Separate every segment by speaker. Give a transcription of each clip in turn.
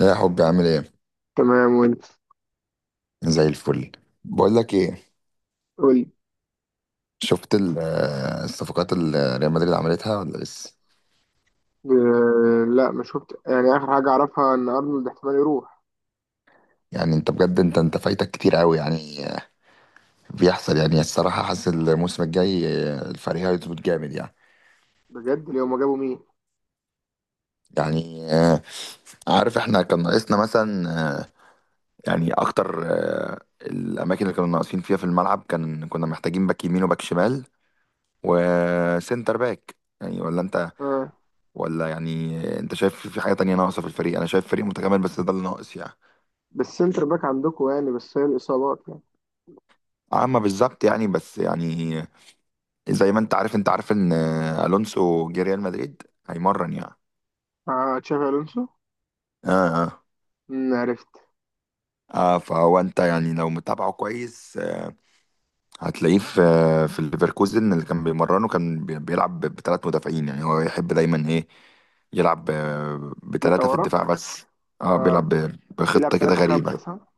Speaker 1: يا حبي، عامل ايه؟
Speaker 2: تمام، وانت؟
Speaker 1: زي الفل. بقول لك ايه،
Speaker 2: قولي.
Speaker 1: شفت الصفقات اللي ريال مدريد عملتها ولا لسه؟
Speaker 2: آه، لا ما شفت، يعني اخر حاجه اعرفها ان ارنولد احتمال يروح.
Speaker 1: يعني انت بجد، انت فايتك كتير قوي يعني بيحصل. يعني الصراحه حاسس الموسم الجاي الفريق هيظبط جامد يعني.
Speaker 2: بجد؟ لو ما جابوا مين؟
Speaker 1: يعني عارف احنا كان ناقصنا مثلا. آه، يعني اكتر الاماكن اللي كانوا ناقصين فيها في الملعب، كان كنا محتاجين باك يمين وباك شمال وسنتر باك، يعني ولا انت؟
Speaker 2: آه.
Speaker 1: ولا يعني انت شايف في حاجة تانية ناقصة في الفريق؟ انا شايف فريق متكامل بس ده اللي ناقص يعني.
Speaker 2: بس سنتر باك عندكم، يعني بس هي الاصابات يعني.
Speaker 1: اما بالظبط يعني، بس يعني زي ما انت عارف ان الونسو جه ريال مدريد، هيمرن يعني.
Speaker 2: آه، تشافي الونسو.
Speaker 1: اه. اه.
Speaker 2: مم، عرفت.
Speaker 1: اه فهو انت يعني لو متابعه كويس، هتلاقيه في الليفركوزن اللي كان بيمرنه، كان بيلعب بثلاث مدافعين. يعني هو يحب دايما ايه، يلعب
Speaker 2: ثلاثه
Speaker 1: بثلاثة في
Speaker 2: ورا؟
Speaker 1: الدفاع بس. اه
Speaker 2: آه.
Speaker 1: بيلعب ب-
Speaker 2: بيلعب
Speaker 1: بخطة كده
Speaker 2: 3-5،
Speaker 1: غريبة.
Speaker 2: صح؟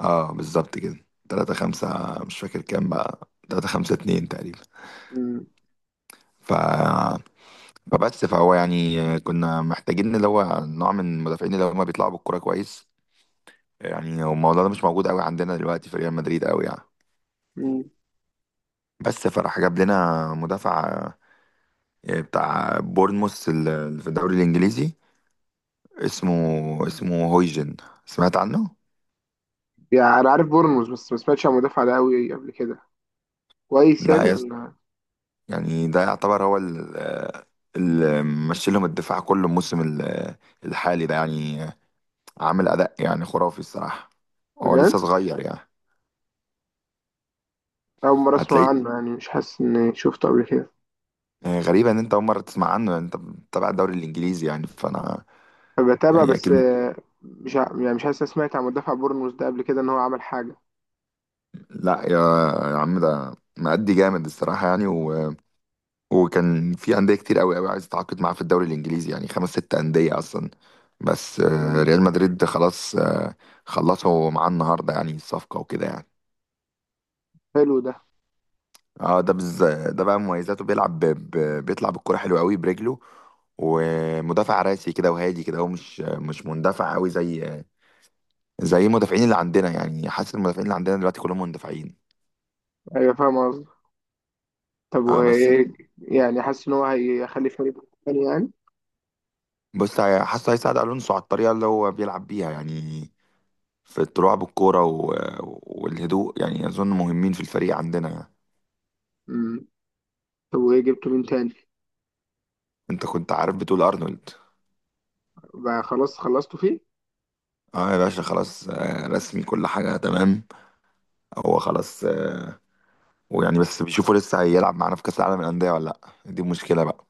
Speaker 1: اه بالظبط كده تلاتة خمسة، مش فاكر كام بقى، تلاتة خمسة اتنين تقريبا.
Speaker 2: مم.
Speaker 1: ف... فبس فهو يعني كنا محتاجين اللي هو نوع من المدافعين اللي هم بيطلعوا بالكرة كويس. يعني هو الموضوع ده مش موجود قوي عندنا دلوقتي في ريال مدريد قوي يعني.
Speaker 2: مم.
Speaker 1: بس فراح جاب لنا مدافع، بتاع بورنموث اللي في الدوري الانجليزي. اسمه اسمه هويجن، سمعت عنه؟
Speaker 2: يعني انا عارف بورنموث، بس ما سمعتش عن المدافع ده قوي قبل كده. كويس يعني
Speaker 1: لا،
Speaker 2: ولا؟
Speaker 1: يعني ده يعتبر هو اللي مشي لهم الدفاع كله الموسم الحالي ده يعني، عامل أداء يعني خرافي الصراحة. هو
Speaker 2: بجد؟
Speaker 1: لسه صغير يعني.
Speaker 2: اول مره اسمع
Speaker 1: هتلاقيه
Speaker 2: عنه، يعني مش حاسس اني شفته قبل كده.
Speaker 1: غريبة إن أنت أول مرة تسمع عنه يعني، أنت بتتابع الدوري الإنجليزي يعني، فأنا
Speaker 2: بتابع،
Speaker 1: يعني
Speaker 2: بس
Speaker 1: أكيد.
Speaker 2: مش ع- يعني مش حاسس إني سمعت عن مدافع بورنموث ده قبل كده ان هو عمل حاجه.
Speaker 1: لا يا عم ده مأدي جامد الصراحة يعني وكان في أندية كتير أوي أوي عايز تتعاقد معاه في الدوري الإنجليزي، يعني خمس ست أندية أصلا. بس ريال مدريد خلاص، خلصوا معاه النهاردة يعني الصفقة وكده يعني.
Speaker 2: حلو ده.
Speaker 1: ده بقى مميزاته، بيلعب بيطلع بالكرة حلو قوي برجله، ومدافع راسي كده وهادي كده، هو مش مندفع قوي زي المدافعين اللي عندنا. يعني حاسس المدافعين اللي عندنا دلوقتي كلهم مندفعين.
Speaker 2: ايوه، فاهم قصدي. طب
Speaker 1: اه بس
Speaker 2: وايه؟ يعني حاسس ان هو هيخلي فريق تاني يعني.
Speaker 1: بص حاسه هيساعد الونسو على الطريقه اللي هو بيلعب بيها يعني، في الطلوع بالكوره والهدوء، يعني اظن مهمين في الفريق عندنا.
Speaker 2: امم. طب وايه جبته مين تاني؟
Speaker 1: انت كنت عارف، بتقول ارنولد؟
Speaker 2: بقى خلاص خلصتوا فيه؟
Speaker 1: اه يا باشا خلاص، رسمي كل حاجه تمام. هو خلاص. ويعني بس بيشوفوا لسه هيلعب معانا في كأس العالم للأندية ولا لأ، دي مشكلة بقى.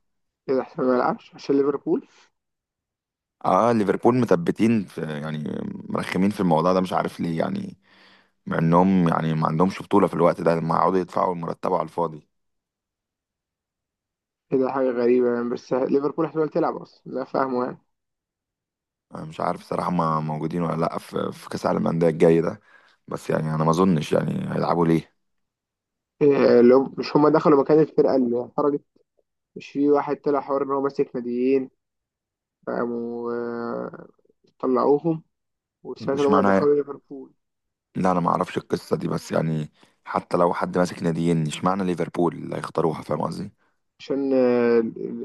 Speaker 2: كده احتمال ما يلعبش عشان ليفربول.
Speaker 1: اه ليفربول مثبتين في يعني، مرخمين في الموضوع ده، مش عارف ليه يعني، مع انهم يعني ما عندهمش بطولة في الوقت ده لما يقعدوا يدفعوا مرتبه على الفاضي.
Speaker 2: كده حاجه غريبه يعني، بس ليفربول احتمال تلعب اصلا؟ لا فاهمه يعني.
Speaker 1: انا مش عارف صراحة ما موجودين ولا لأ في كأس العالم للأندية الجاي ده، بس يعني انا ما اظنش يعني هيلعبوا ليه.
Speaker 2: إيه لو مش هما دخلوا مكان الفرقه اللي خرجت؟ مش في واحد طلع حوار ان هو ماسك ناديين؟ فقاموا طلعوهم. وسمعت ان هما
Speaker 1: واشمعنى،
Speaker 2: يدخلوا ليفربول.
Speaker 1: لا انا ما اعرفش القصة دي، بس يعني حتى لو حد ماسك ناديين، اشمعنى ليفربول اللي هيختاروها؟ فاهم قصدي.
Speaker 2: عشان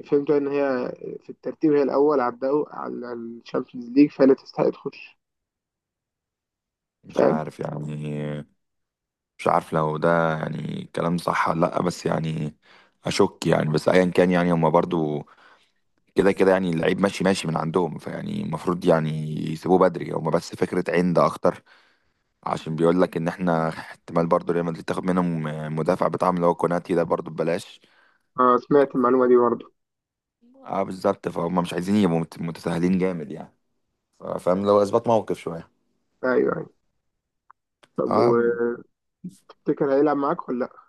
Speaker 2: فهمت ان هي في الترتيب هي الاول على الدو على الشامبيونز ليج، فهي اللي تستحق تخش.
Speaker 1: مش
Speaker 2: فاهم؟
Speaker 1: عارف يعني مش عارف لو ده يعني كلام صح ولا لأ، بس يعني أشك يعني. بس أيا كان يعني، هما برضو كده كده يعني اللعيب ماشي ماشي من عندهم، فيعني المفروض يعني يسيبوه بدري. هما بس فكرة عند أكتر، عشان بيقول لك إن إحنا احتمال برضو ريال مدريد تاخد منهم المدافع بتاعهم اللي هو كوناتي ده، برضو ببلاش.
Speaker 2: اه، سمعت المعلومه دي برضه.
Speaker 1: اه بالظبط، فهم مش عايزين يبقوا متساهلين جامد يعني، فاهم لو إثبات موقف شوية.
Speaker 2: ايوه، ايوه. طب
Speaker 1: اه.
Speaker 2: وتفتكر، هيلعب معاك ولا لا؟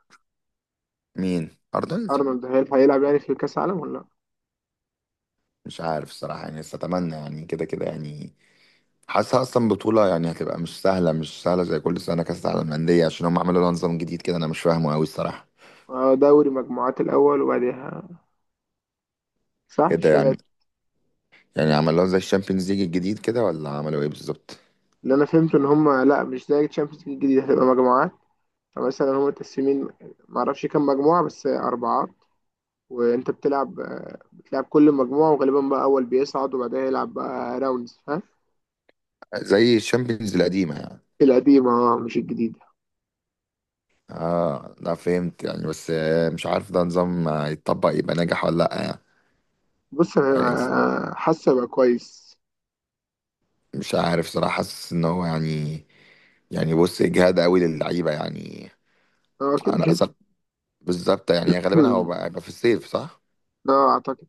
Speaker 1: مين أرنولد؟
Speaker 2: ارنولد هيلعب يعني في كاس العالم ولا لا؟
Speaker 1: مش عارف الصراحة يعني، بس أتمنى يعني. كده كده يعني حاسسها اصلا بطوله، يعني هتبقى مش سهله، مش سهله زي كل سنه كاس العالم للانديه، عشان هم عملوا لها نظام جديد كده انا مش فاهمه قوي الصراحه.
Speaker 2: آه، دوري مجموعات الاول وبعدها صح،
Speaker 1: ايه ده
Speaker 2: مش
Speaker 1: يعني؟
Speaker 2: هيبقى؟
Speaker 1: يعني عملوها زي الشامبيونز ليج الجديد كده، ولا عملوا ايه بالظبط؟
Speaker 2: اللي انا فهمته ان هم لا، مش زي الشامبيونز ليج الجديده، هتبقى مجموعات. فمثلا هم متقسمين، معرفش كام مجموعه، بس اربعات. وانت بتلعب كل مجموعه، وغالبا بقى اول بيصعد وبعدها يلعب بقى راوندز، فاهم؟
Speaker 1: زي الشامبيونز القديمه يعني؟
Speaker 2: القديمة، اه، مش الجديدة.
Speaker 1: اه لا فهمت يعني، بس مش عارف ده نظام يتطبق يبقى ناجح ولا لا يعني.
Speaker 2: بص، انا
Speaker 1: يعني
Speaker 2: حاسة بقى كويس.
Speaker 1: مش عارف صراحه، حاسس ان هو يعني، يعني بص اجهاد قوي للعيبه يعني.
Speaker 2: اه، كده
Speaker 1: انا
Speaker 2: كده.
Speaker 1: اصلا بالظبط يعني، غالبا هو
Speaker 2: مم.
Speaker 1: بقى في الصيف صح.
Speaker 2: اه، اعتقد.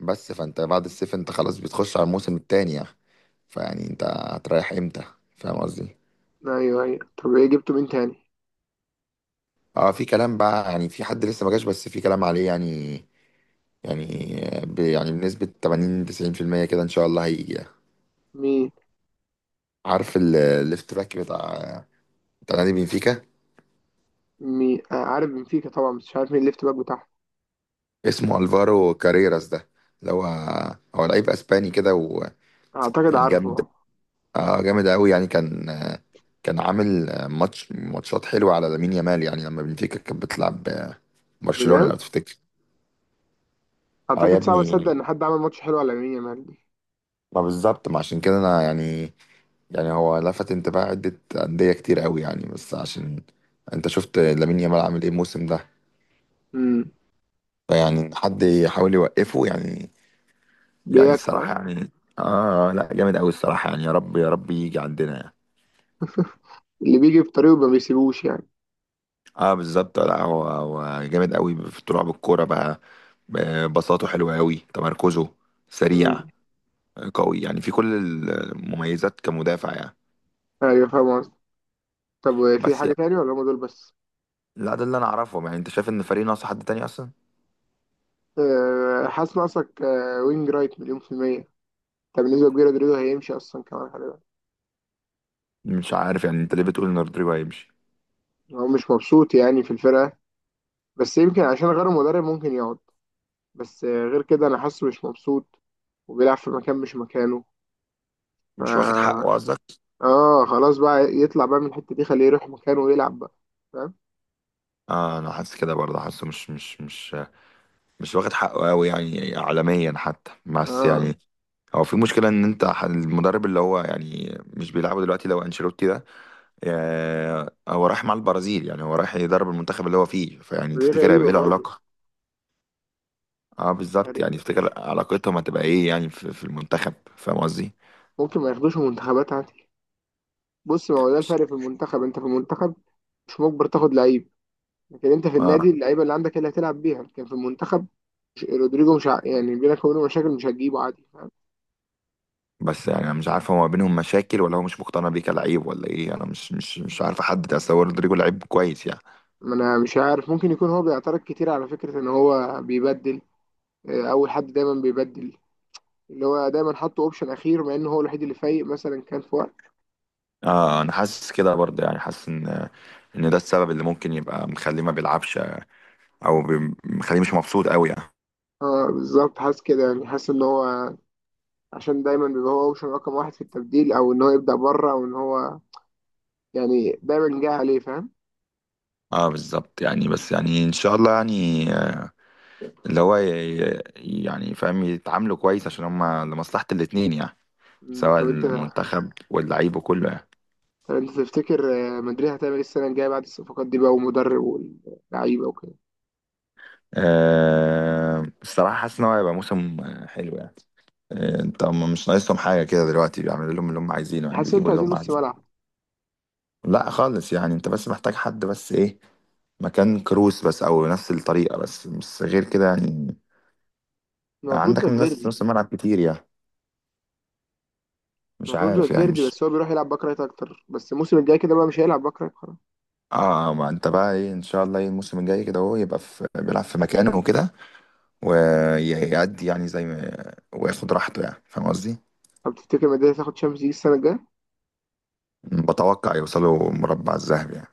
Speaker 1: بس فانت بعد الصيف انت خلاص بتخش على الموسم التاني يعني، فيعني انت هتريح امتى؟ فاهم قصدي.
Speaker 2: ايوه، ايوه. طب ايه جبته مين تاني؟
Speaker 1: اه في كلام بقى، يعني في حد لسه ما جاش بس في كلام عليه يعني. يعني ب يعني بنسبة 80 90% كده ان شاء الله هيجي يعني.
Speaker 2: مين؟
Speaker 1: عارف الليفت باك بتاع نادي بنفيكا؟
Speaker 2: مين؟ آه، عارف بنفيكا طبعا، بس مش عارف مين الليفت باك بتاعه.
Speaker 1: اسمه الفارو كاريراس ده، اللي هو لعيب اسباني كده ويعني
Speaker 2: اعتقد
Speaker 1: جامد.
Speaker 2: عارفه.
Speaker 1: اه جامد قوي يعني، كان عامل ماتشات حلوه على لامين يامال، يعني لما بنفيكا كانت بتلعب برشلونه
Speaker 2: بجد؟
Speaker 1: لو تفتكر. اه يا
Speaker 2: اعتقد صعب اصدق
Speaker 1: ابني،
Speaker 2: ان حد عمل ماتش حلو على مين يا مالدي.
Speaker 1: ما بالظبط، ما عشان كده انا يعني، يعني هو لفت انتباه عده انديه كتير قوي يعني، بس عشان انت شفت لامين يامال عامل ايه الموسم ده،
Speaker 2: امم.
Speaker 1: فيعني إن حد يحاول يوقفه يعني. يعني
Speaker 2: بياكل، اه.
Speaker 1: الصراحه يعني، اه لا جامد قوي الصراحه يعني، يا رب يا رب يجي عندنا يعني.
Speaker 2: اللي بيجي في طريقه ما بيسيبوش يعني.
Speaker 1: اه بالظبط. لا هو جامد قوي في طلوع بالكوره بقى، بساطته حلوه قوي، تمركزه سريع،
Speaker 2: امم.
Speaker 1: قوي يعني في كل المميزات كمدافع يعني.
Speaker 2: ايوه، فاهم قصدي. طب، في
Speaker 1: بس
Speaker 2: حاجة
Speaker 1: يعني
Speaker 2: تاني ولا هم دول بس؟
Speaker 1: لا ده اللي انا اعرفهم يعني. انت شايف ان الفريق ناقص حد تاني اصلا؟
Speaker 2: آه، حاسس ناقصك وينج رايت مليون في المية. طب بالنسبة لجيرارد رودريجو، هيمشي اصلا كمان، خلي بالك.
Speaker 1: مش عارف يعني، انت ليه بتقول ان رودريجو هيمشي؟
Speaker 2: هو مش مبسوط يعني في الفرقة. بس يمكن عشان غير المدرب ممكن يقعد. بس غير كده أنا حاسه مش مبسوط. وبيلعب في مكان مش مكانه. ف...
Speaker 1: مش واخد حقه قصدك.
Speaker 2: آه، خلاص بقى يطلع بقى من الحتة دي، خليه يروح مكانه ويلعب بقى. فاهم؟
Speaker 1: اه انا حاسس كده برضه، حاسه مش واخد حقه قوي يعني اعلاميا حتى، بس
Speaker 2: آه.
Speaker 1: يعني هو في مشكله، ان انت المدرب اللي هو يعني مش بيلعبه دلوقتي لو انشيلوتي ده، هو رايح مع البرازيل يعني، هو رايح يدرب المنتخب اللي هو فيه، فيعني
Speaker 2: دي
Speaker 1: تفتكر هيبقى
Speaker 2: غريبة
Speaker 1: ايه
Speaker 2: برضه.
Speaker 1: العلاقة؟ اه بالظبط يعني،
Speaker 2: غريبة. مش
Speaker 1: تفتكر علاقتهم هتبقى ايه يعني في المنتخب؟ فاهم قصدي.
Speaker 2: ممكن ما ياخدوش منتخبات عادي. بص، ما هو ده الفرق في المنتخب، أنت في المنتخب مش مجبر تاخد لعيب. لكن انت في النادي
Speaker 1: اه
Speaker 2: اللعيبه اللي عندك هي اللي هتلعب بيها، لكن في المنتخب رودريجو مش ع- يعني بينك وبينه مشاكل مش هتجيبه عادي.
Speaker 1: بس يعني انا مش عارف، هو ما بينهم مشاكل ولا هو مش مقتنع بيه كلعيب ولا ايه؟ انا مش عارف احدد، اصل هو رودريجو لعيب كويس يعني.
Speaker 2: ما انا مش عارف، ممكن يكون هو بيعترض كتير على فكرة ان هو بيبدل اول حد دايما بيبدل. اللي هو دايما حاطه اوبشن اخير، مع انه هو الوحيد اللي فايق مثلا كان في وقت.
Speaker 1: اه انا حاسس كده برضه يعني، حاسس ان ده السبب اللي ممكن يبقى مخليه ما بيلعبش، او مخليه مش مبسوط قوي يعني.
Speaker 2: اه، بالظبط، حاسس كده يعني، حاسس ان هو عشان دايما بيبقى هو اوبشن رقم واحد في التبديل، او ان هو يبدأ بره، او ان هو يعني دايما جاي عليه، فاهم؟
Speaker 1: اه بالظبط يعني، بس يعني ان شاء الله يعني اللي هو يعني فاهم، يتعاملوا كويس عشان هما لمصلحة الاتنين يعني،
Speaker 2: مم،
Speaker 1: سواء
Speaker 2: طب انت
Speaker 1: المنتخب واللعيب وكله يعني.
Speaker 2: طب انت تفتكر مدريد هتعمل ايه السنة الجاية بعد الصفقات دي بقى، ومدرب واللعيبة وكده؟
Speaker 1: أه الصراحة حاسس إن هو هيبقى موسم حلو يعني. انت هم مش ناقصهم حاجة كده دلوقتي، بيعملوا لهم اللي هم عايزينه يعني،
Speaker 2: حاسس ان
Speaker 1: بيجيبوا
Speaker 2: انتوا
Speaker 1: اللي
Speaker 2: عايزين
Speaker 1: هم
Speaker 2: نص
Speaker 1: عايزينه.
Speaker 2: ملعب.
Speaker 1: لا خالص يعني، انت بس محتاج حد بس ايه، مكان كروس بس او نفس الطريقة بس غير كده يعني
Speaker 2: المفروض
Speaker 1: عندك من ناس في نص
Speaker 2: فالفيردي.
Speaker 1: الملعب كتير يعني. مش
Speaker 2: المفروض
Speaker 1: عارف يعني
Speaker 2: فالفيردي،
Speaker 1: مش.
Speaker 2: بس هو بيروح يلعب باك رايت اكتر، بس الموسم الجاي كده بقى مش هيلعب باك رايت خلاص.
Speaker 1: اه ما انت بقى ايه، ان شاء الله ايه الموسم الجاي كده هو يبقى في بيلعب في مكانه وكده، ويعدي يعني زي ما وياخد راحته يعني، فاهم قصدي؟
Speaker 2: طب تفتكر مدريد هتاخد شامبيونز ليج السنه الجايه؟
Speaker 1: بتوقع يوصلوا مربع الذهبي يعني.